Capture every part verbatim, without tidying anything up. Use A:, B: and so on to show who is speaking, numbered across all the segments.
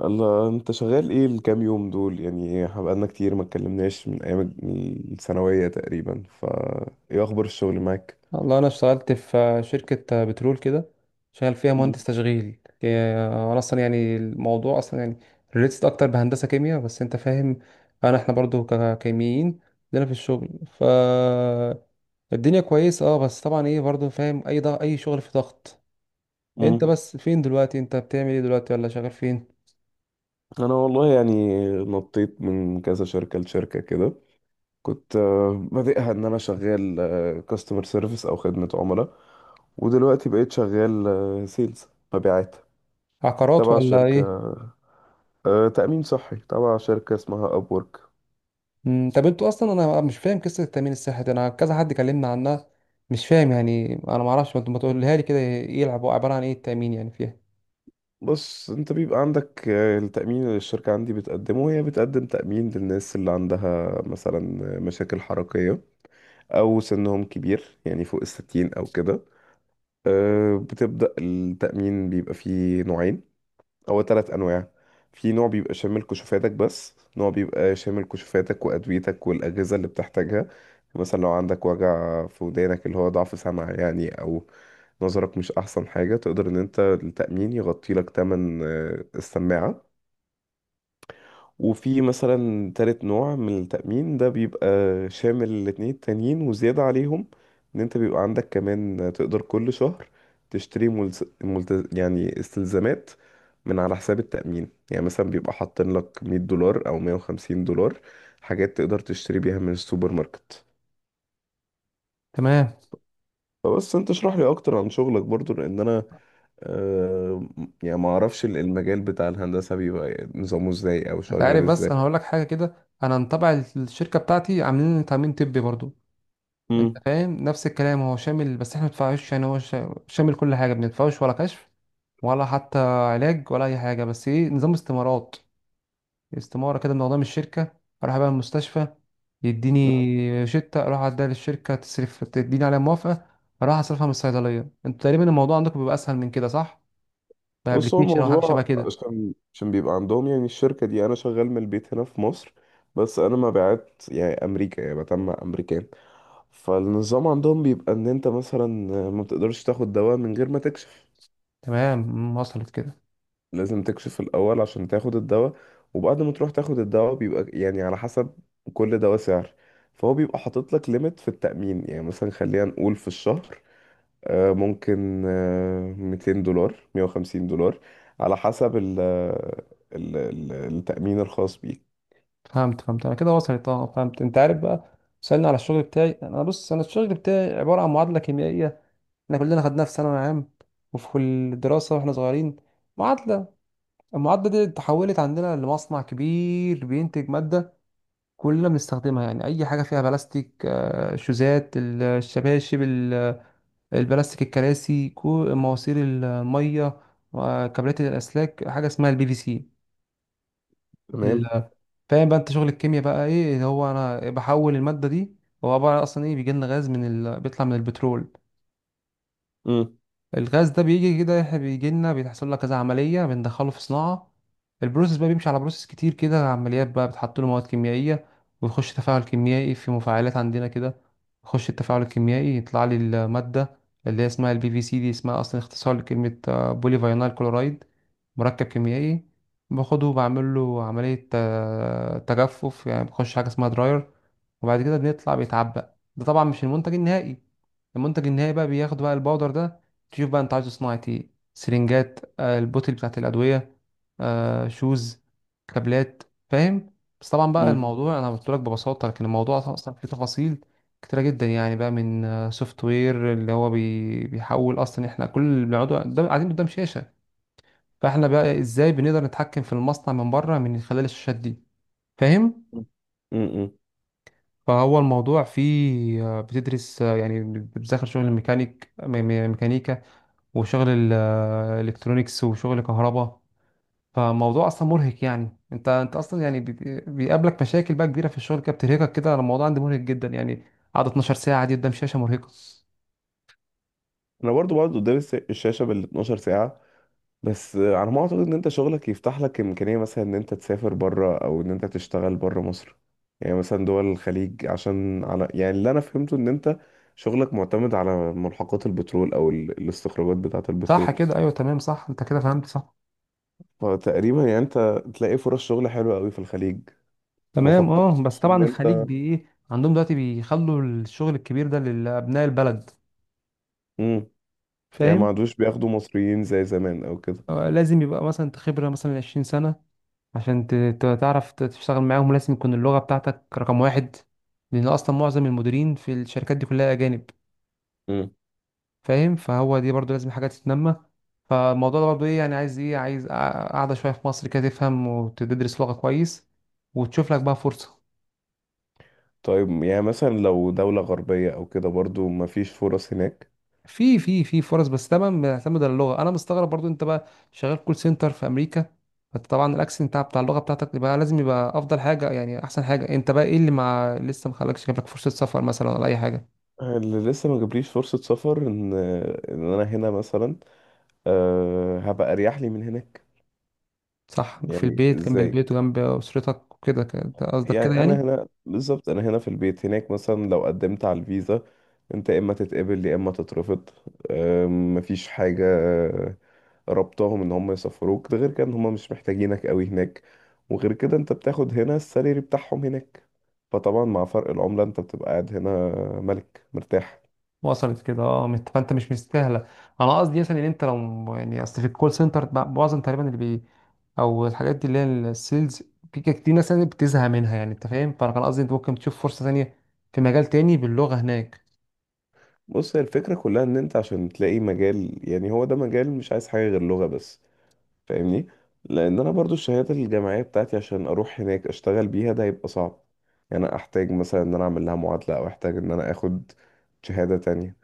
A: الله، انت شغال ايه الكام يوم دول؟ يعني بقالنا كتير ما اتكلمناش من ايام الثانوية تقريبا. فا ايه اخبار الشغل معاك؟
B: والله انا اشتغلت في شركه بترول كده. شغال فيها
A: مم.
B: مهندس تشغيل. هي- انا اصلا يعني الموضوع اصلا يعني ريليتد اكتر بهندسه كيمياء، بس انت فاهم. انا احنا برضو ككيميين عندنا في الشغل. ف الدنيا كويس، اه، بس طبعا ايه، برضو فاهم، اي ضغط اي شغل في ضغط. انت
A: مم.
B: بس فين دلوقتي؟ انت بتعمل ايه دلوقتي؟ ولا شغال فين؟
A: انا والله يعني نطيت من كذا شركة لشركة كده. كنت آه، بادئها ان انا شغال كاستمر سيرفيس او خدمة عملاء، ودلوقتي بقيت شغال سيلز، مبيعات
B: عقارات
A: تبع
B: ولا ايه؟
A: شركة آه، تأمين صحي تبع شركة اسمها ابورك.
B: مم، طب انتوا اصلا انا مش فاهم قصه التامين الصحي دي، انا كذا حد كلمنا عنها، مش فاهم يعني، انا ما اعرفش، ما تقولها لي كده يلعبوا، عباره عن ايه التامين يعني فيها؟
A: بص، انت بيبقى عندك آه، التأمين اللي الشركة عندي بتقدمه، هي بتقدم تأمين للناس اللي عندها مثلا مشاكل حركية أو سنهم كبير يعني فوق الستين أو كده. آه، بتبدأ التأمين، بيبقى فيه نوعين، هو تلات انواع. في نوع بيبقى شامل كشوفاتك بس، نوع بيبقى شامل كشوفاتك وادويتك والاجهزه اللي بتحتاجها. مثلا لو عندك وجع في ودانك اللي هو ضعف سمع يعني، او نظرك مش احسن حاجه، تقدر ان انت التامين يغطي لك تمن آه، السماعه. وفي مثلا تالت نوع من التأمين ده بيبقى شامل الاتنين التانيين وزيادة عليهم، ان انت بيبقى عندك كمان تقدر كل شهر تشتري ملز... ملت... يعني استلزامات من على حساب التأمين. يعني مثلا بيبقى حاطين لك مية دولار او مية وخمسين دولار، حاجات تقدر تشتري بيها من السوبر ماركت.
B: تمام.
A: فبس انت اشرح لي اكتر عن شغلك برضو، لان انا آه يعني ما اعرفش المجال بتاع الهندسة بيبقى نظامه ازاي او
B: انت
A: شغال
B: عارف بس
A: ازاي.
B: انا هقول لك حاجه كده، انا متابع الشركه بتاعتي عاملين تامين طبي برضو، انت فاهم؟ نفس الكلام، هو شامل، بس احنا ما بندفعوش. يعني هو شا- شامل كل حاجه، ما بندفعوش ولا كشف ولا حتى علاج ولا اي حاجه. بس ايه، نظام استمارات. استمارة كده من قضام الشركة، أروح بقى المستشفى، يديني شتة، أروح أديها للشركة تصرف تديني عليها موافقة، أروح أصرفها من الصيدلية. أنتوا تقريبا الموضوع عندكم بيبقى أسهل من كده، صح؟
A: بص، هو
B: بأبلكيشن أو حاجة شبه
A: الموضوع
B: كده.
A: عشان عشان بيبقى عندهم، يعني الشركة دي أنا شغال من البيت هنا في مصر، بس أنا مبيعات يعني أمريكا، يعني بتم أمريكان. فالنظام عندهم بيبقى إن أنت مثلا ما بتقدرش تاخد دواء من غير ما تكشف.
B: تمام، مم، وصلت كده.
A: لازم تكشف الأول عشان تاخد الدواء. وبعد ما تروح تاخد الدواء بيبقى يعني على حسب كل دواء سعر. فهو بيبقى حاطط لك ليميت في التأمين، يعني مثلا خلينا نقول في الشهر آه، ممكن آه، مئتين دولار، مئة وخمسين دولار، على حسب ال ال- ال- التأمين الخاص بيك.
B: فهمت، فهمت أنا كده وصلت، أه فهمت. أنت عارف بقى سألني على الشغل بتاعي، أنا بص، أنا الشغل بتاعي عبارة عن معادلة كيميائية. إحنا كلنا خدناها في ثانوي عام وفي كل الدراسة وإحنا صغيرين. معادلة، المعادلة دي اتحولت عندنا لمصنع كبير بينتج مادة كلنا بنستخدمها. يعني اي حاجه فيها بلاستيك، آه، شوزات، ال- الشباشب، ال- البلاستيك، الكراسي، كو- مواسير الميه وكابلات الاسلاك، حاجه اسمها البي في سي.
A: تمام.
B: ال- فاهم بقى انت شغل الكيمياء بقى، ايه اللي هو انا بحول الماده دي؟ هو عباره عن اصلا ايه، بيجي لنا غاز من ال... بيطلع من البترول.
A: مم.
B: الغاز ده بيجي كده، إحنا بيجي لنا بيحصل لك كذا عملية بندخله في صناعة. البروسيس بقى بيمشي على بروسيس كتير كده، عمليات بقى، بتحط له مواد كيميائية ويخش تفاعل كيميائي في مفاعلات عندنا كده. يخش التفاعل الكيميائي، يطلع لي المادة اللي هي اسمها البي في سي دي، اسمها أصلا اختصار لكلمة بولي فاينال كلورايد، مركب كيميائي. باخده وبعمل له عملية، آه، تجفف، يعني بخش حاجة اسمها دراير، وبعد كده بيطلع بيتعبق. ده طبعا مش المنتج النهائي. المنتج النهائي بقى بياخد بقى الباودر ده، تشوف بقى انت عايزه صناعة ايه، سرنجات، آه، البوتل بتاعت الأدوية، آه، شوز، كابلات، فاهم. بس طبعا بقى
A: مم.
B: الموضوع انا قلت لك ببساطة، لكن الموضوع اصلا فيه تفاصيل كتيرة جدا. يعني بقى من سوفت وير اللي هو بي- بيحول اصلا، احنا كل اللي بنقعدوا قدام- قاعدين قدام شاشة، فاحنا بقى ازاي بنقدر نتحكم في المصنع من بره من خلال الشاشات دي، فاهم؟
A: مم. مم.
B: فهو الموضوع فيه، آه، بتدرس، آه، يعني بتذاكر شغل الميكانيك، مي- مي- ميكانيكا، وشغل الالكترونيكس وشغل كهرباء. فالموضوع اصلا مرهق يعني. انت انت اصلا يعني بي- بيقابلك مشاكل بقى كبيره في الشغل كده بترهقك كده. انا الموضوع عندي مرهق جدا يعني، قعد اتناشر ساعه دي قدام شاشه مرهقه.
A: انا برضو بقعد قدام الس- الشاشة بال اثنا عشر ساعة. بس آه، على ما اعتقد ان انت شغلك يفتح لك امكانية مثلا ان انت تسافر بره، او ان انت تشتغل بره مصر. يعني مثلا دول الخليج، عشان على يعني اللي انا فهمته ان انت شغلك معتمد على ملحقات البترول او ال- الاستخراجات بتاعة
B: صح
A: البترول.
B: كده، ايوه تمام، صح، انت كده فهمت صح.
A: فتقريبا يعني انت تلاقي فرص شغل حلوة قوي في الخليج. ما
B: تمام، اه، بس
A: فكرتش ان
B: طبعا الخليج
A: انت
B: بي ايه، عندهم دلوقتي بيخلوا الشغل الكبير ده لابناء البلد،
A: امم يعني ما
B: فاهم؟
A: عادوش بياخدوا مصريين زي زمان او كده؟
B: آه، لازم يبقى مثلا انت خبره مثلا عشرين سنه عشان ت- ت- تعرف ت- تشتغل معاهم. لازم يكون اللغة بتاعتك رقم واحد، لأن أصلا معظم المديرين في الشركات دي كلها أجانب،
A: امم
B: فاهم؟ فهو دي برضو لازم حاجة تتنمى. فالموضوع ده برضو إيه، يعني عايز إيه، عايز قع- قعدة شوية في مصر كده، تفهم وتدرس لغة كويس وتشوف لك بقى فرصة.
A: طيب، يعني مثلا لو دولة غربية او كده، برضو ما فيش فرص هناك؟
B: في في في فرص، بس طبعا بيعتمد على اللغة. أنا مستغرب برضو أنت بقى شغال كول سنتر في أمريكا، فأنت طبعا الأكسنت بتاع بتاع اللغة بتاعتك يبقى لازم يبقى أفضل حاجة، يعني أحسن حاجة. أنت بقى إيه اللي مع لسه مخلكش جاب لك فرصة سفر مثلا ولا أي حاجة؟
A: اللي لسه ما جابليش فرصة سفر ان ان انا هنا مثلا، أه هبقى اريح لي من هناك.
B: صح، في
A: يعني
B: البيت جنب
A: ازاي؟
B: البيت وجنب اسرتك وكده، كده أنت قصدك
A: يعني
B: كده
A: انا
B: يعني؟
A: هنا بالظبط، انا هنا في البيت. هناك مثلا لو قدمت على الفيزا، انت يا اما تتقبل يا اما تترفض. أم، مفيش حاجه ربطهم ان هم يسفروك. ده غير كده، ان هم مش محتاجينك قوي هناك. وغير كده انت بتاخد هنا السالري بتاعهم هناك. فطبعا مع فرق العمله، انت بتبقى قاعد هنا ملك مرتاح.
B: وصلت كده، اه. مت- فانت مش مستاهله. انا قصدي مثلا ان انت لو يعني، اصل في الكول سنتر ب- معظم تقريبا اللي بي او الحاجات دي اللي هي السيلز، في كده كتير ناس يعني بتزهق منها، يعني انت فاهم. فانا كان قصدي انت ممكن تشوف فرصه ثانيه في مجال تاني باللغه هناك.
A: بص، هي الفكره كلها ان انت عشان تلاقي مجال، يعني هو ده مجال مش عايز حاجه غير لغه بس. فاهمني؟ لان انا برضو الشهادات الجامعيه بتاعتي عشان اروح هناك اشتغل بيها، ده هيبقى صعب. يعني انا احتاج مثلا ان انا اعمل لها معادله، او احتاج ان انا اخد شهاده تانية.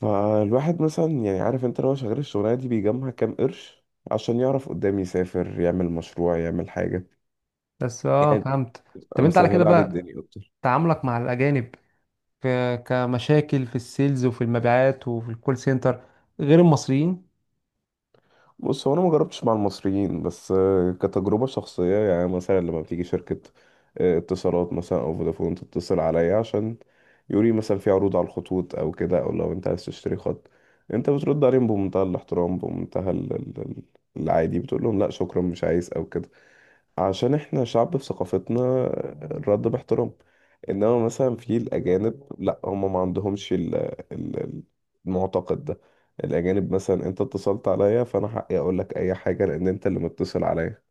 A: فالواحد مثلا يعني عارف، انت لو شغال الشغلانه دي بيجمع كام قرش عشان يعرف قدام يسافر يعمل مشروع يعمل حاجه،
B: بس اه
A: يعني
B: فهمت. طب
A: تبقى
B: انت على كده
A: مسهله عليه
B: بقى،
A: الدنيا.
B: تعاملك مع الاجانب ك- كمشاكل في السيلز وفي المبيعات وفي الكول سنتر غير المصريين؟
A: بص، هو انا ما جربتش مع المصريين، بس آه، كتجربه شخصيه، يعني مثلا لما بتيجي شركه آه، اتصالات مثلا او فودافون تتصل عليا عشان يوري مثلا في عروض على الخطوط او كده، او لو انت عايز تشتري خط، انت بترد عليهم بمنتهى الاحترام، بمنتهى ال- ال- ال- العادي، بتقول لهم لا شكرا مش عايز او كده. عشان احنا شعب في ثقافتنا الرد باحترام. انما مثلا في الاجانب لا، هم ما عندهمش ال- ال- المعتقد ده. الأجانب مثلا، أنت اتصلت عليا فأنا حقي أقول لك أي حاجة لأن أنت اللي متصل عليا.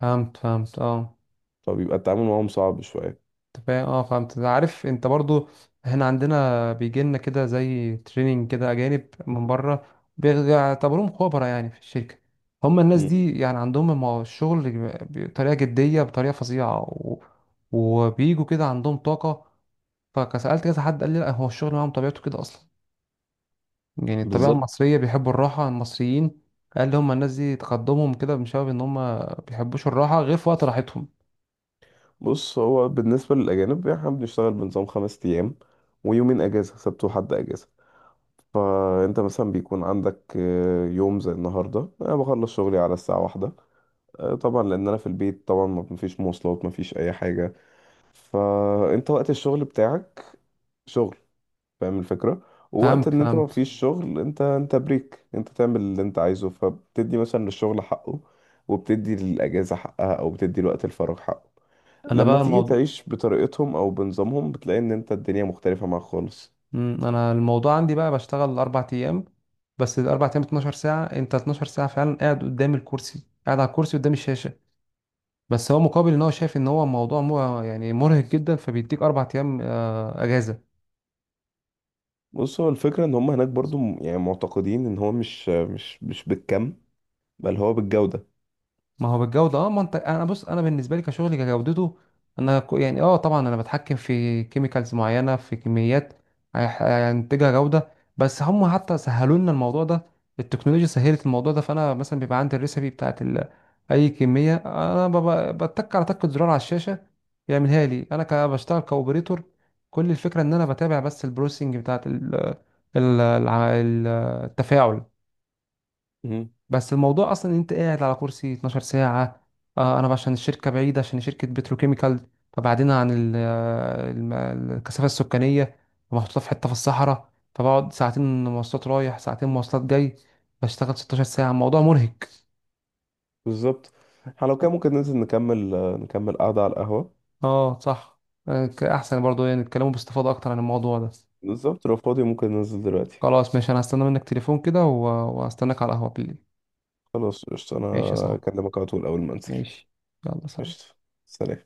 B: فهمت فهمت اه.
A: فبيبقى التعامل معاهم صعب شوية.
B: انت فاهم، اه، فانت عارف انت برضو، احنا عندنا بيجي لنا كده زي تريننج كده، اجانب من بره، بيعتبروهم خبراء يعني في الشركه. هم الناس
A: مم.
B: دي يعني عندهم المو- الشغل بطريقه جديه، بطريقه فظيعه، و... وبيجوا كده عندهم طاقه. فسالت كذا حد، قال لي لا، هو الشغل معاهم طبيعته كده اصلا، يعني الطبيعه
A: بالظبط.
B: المصريه بيحبوا الراحه، المصريين. قال لي هم الناس دي تقدمهم كده بسبب ان هم بيحبوش الراحه غير في وقت راحتهم.
A: بص، هو بالنسبة للأجانب يعني إحنا بنشتغل بنظام خمس أيام، ويومين أجازة، سبت وحد أجازة. فأنت مثلا بيكون عندك آه، يوم زي النهاردة، أنا بخلص شغلي على الساعة واحدة آه، طبعا لأن أنا في البيت، طبعا ما- مفيش مواصلات، مفيش أي حاجة. فأنت وقت الشغل بتاعك شغل، فاهم الفكرة؟ ووقت
B: فهمت
A: ان انت ما
B: فهمت.
A: فيش شغل، انت انت بريك، انت تعمل اللي انت عايزه. فبتدي مثلا للشغل حقه، وبتدي للاجازة حقها، او بتدي لوقت الفراغ حقه.
B: انا
A: لما
B: بقى
A: تيجي
B: الموضوع،
A: تعيش بطريقتهم او بنظامهم، بتلاقي ان انت الدنيا مختلفة معاك خالص.
B: مم، انا الموضوع عندي بقى بشتغل اربع ايام، بس الاربع ايام اتناشر ساعه، انت اتناشر ساعه فعلا قاعد قدام الكرسي، قاعد على الكرسي قدام الشاشه، بس هو مقابل ان هو شايف ان هو موضوع مو يعني مرهق جدا، فبيديك اربع ايام، آه، اجازه.
A: بص، هو الفكرة ان هم هناك برضو م- يعني معتقدين ان هو مش مش مش بالكم، بل هو بالجودة.
B: ما هو بالجودة، اه. ما انت انا بص، انا بالنسبة لي كشغلي كجودته، انا ك- يعني اه، طبعا انا بتحكم في كيميكالز معينة في كميات هيح- هينتجها جودة. بس هم حتى سهلوا لنا الموضوع ده، التكنولوجيا سهلت الموضوع ده. فانا مثلا بيبقى عندي الريسبي بتاعت ال... اي كمية انا بب- بتك على تكة زرار على الشاشة، يعملها لي. انا ك- بشتغل كاوبريتور، كل الفكرة ان انا بتابع بس البروسينج بتاعت ال... ال... الع- التفاعل.
A: مهم.
B: بس الموضوع اصلا ان انت قاعد على كرسي اتناشر ساعه. آه، انا عشان الشركه بعيده، عشان شركه بتروكيميكال، فبعدين عن ال- آه، الم- الكثافه السكانيه، ومحطوطه في حته في الصحراء. فبقعد ساعتين مواصلات رايح ساعتين مواصلات جاي، بشتغل ستاشر ساعه، الموضوع مرهق.
A: بالظبط. احنا لو كان ممكن ننزل نكمل، نكمل قعدة على القهوة.
B: اه صح. آه، ك- احسن برضو يعني نتكلموا باستفاضه اكتر عن الموضوع ده.
A: بالظبط، لو فاضي ممكن ننزل دلوقتي.
B: خلاص ماشي، انا هستنى منك تليفون كده، و- وهستناك على القهوه بالليل.
A: خلاص قشطة، انا
B: ماشي يا صاحبي،
A: اكلمك على طول اول ما انزل.
B: ماشي، يلا سلام.
A: قشطة. سلام.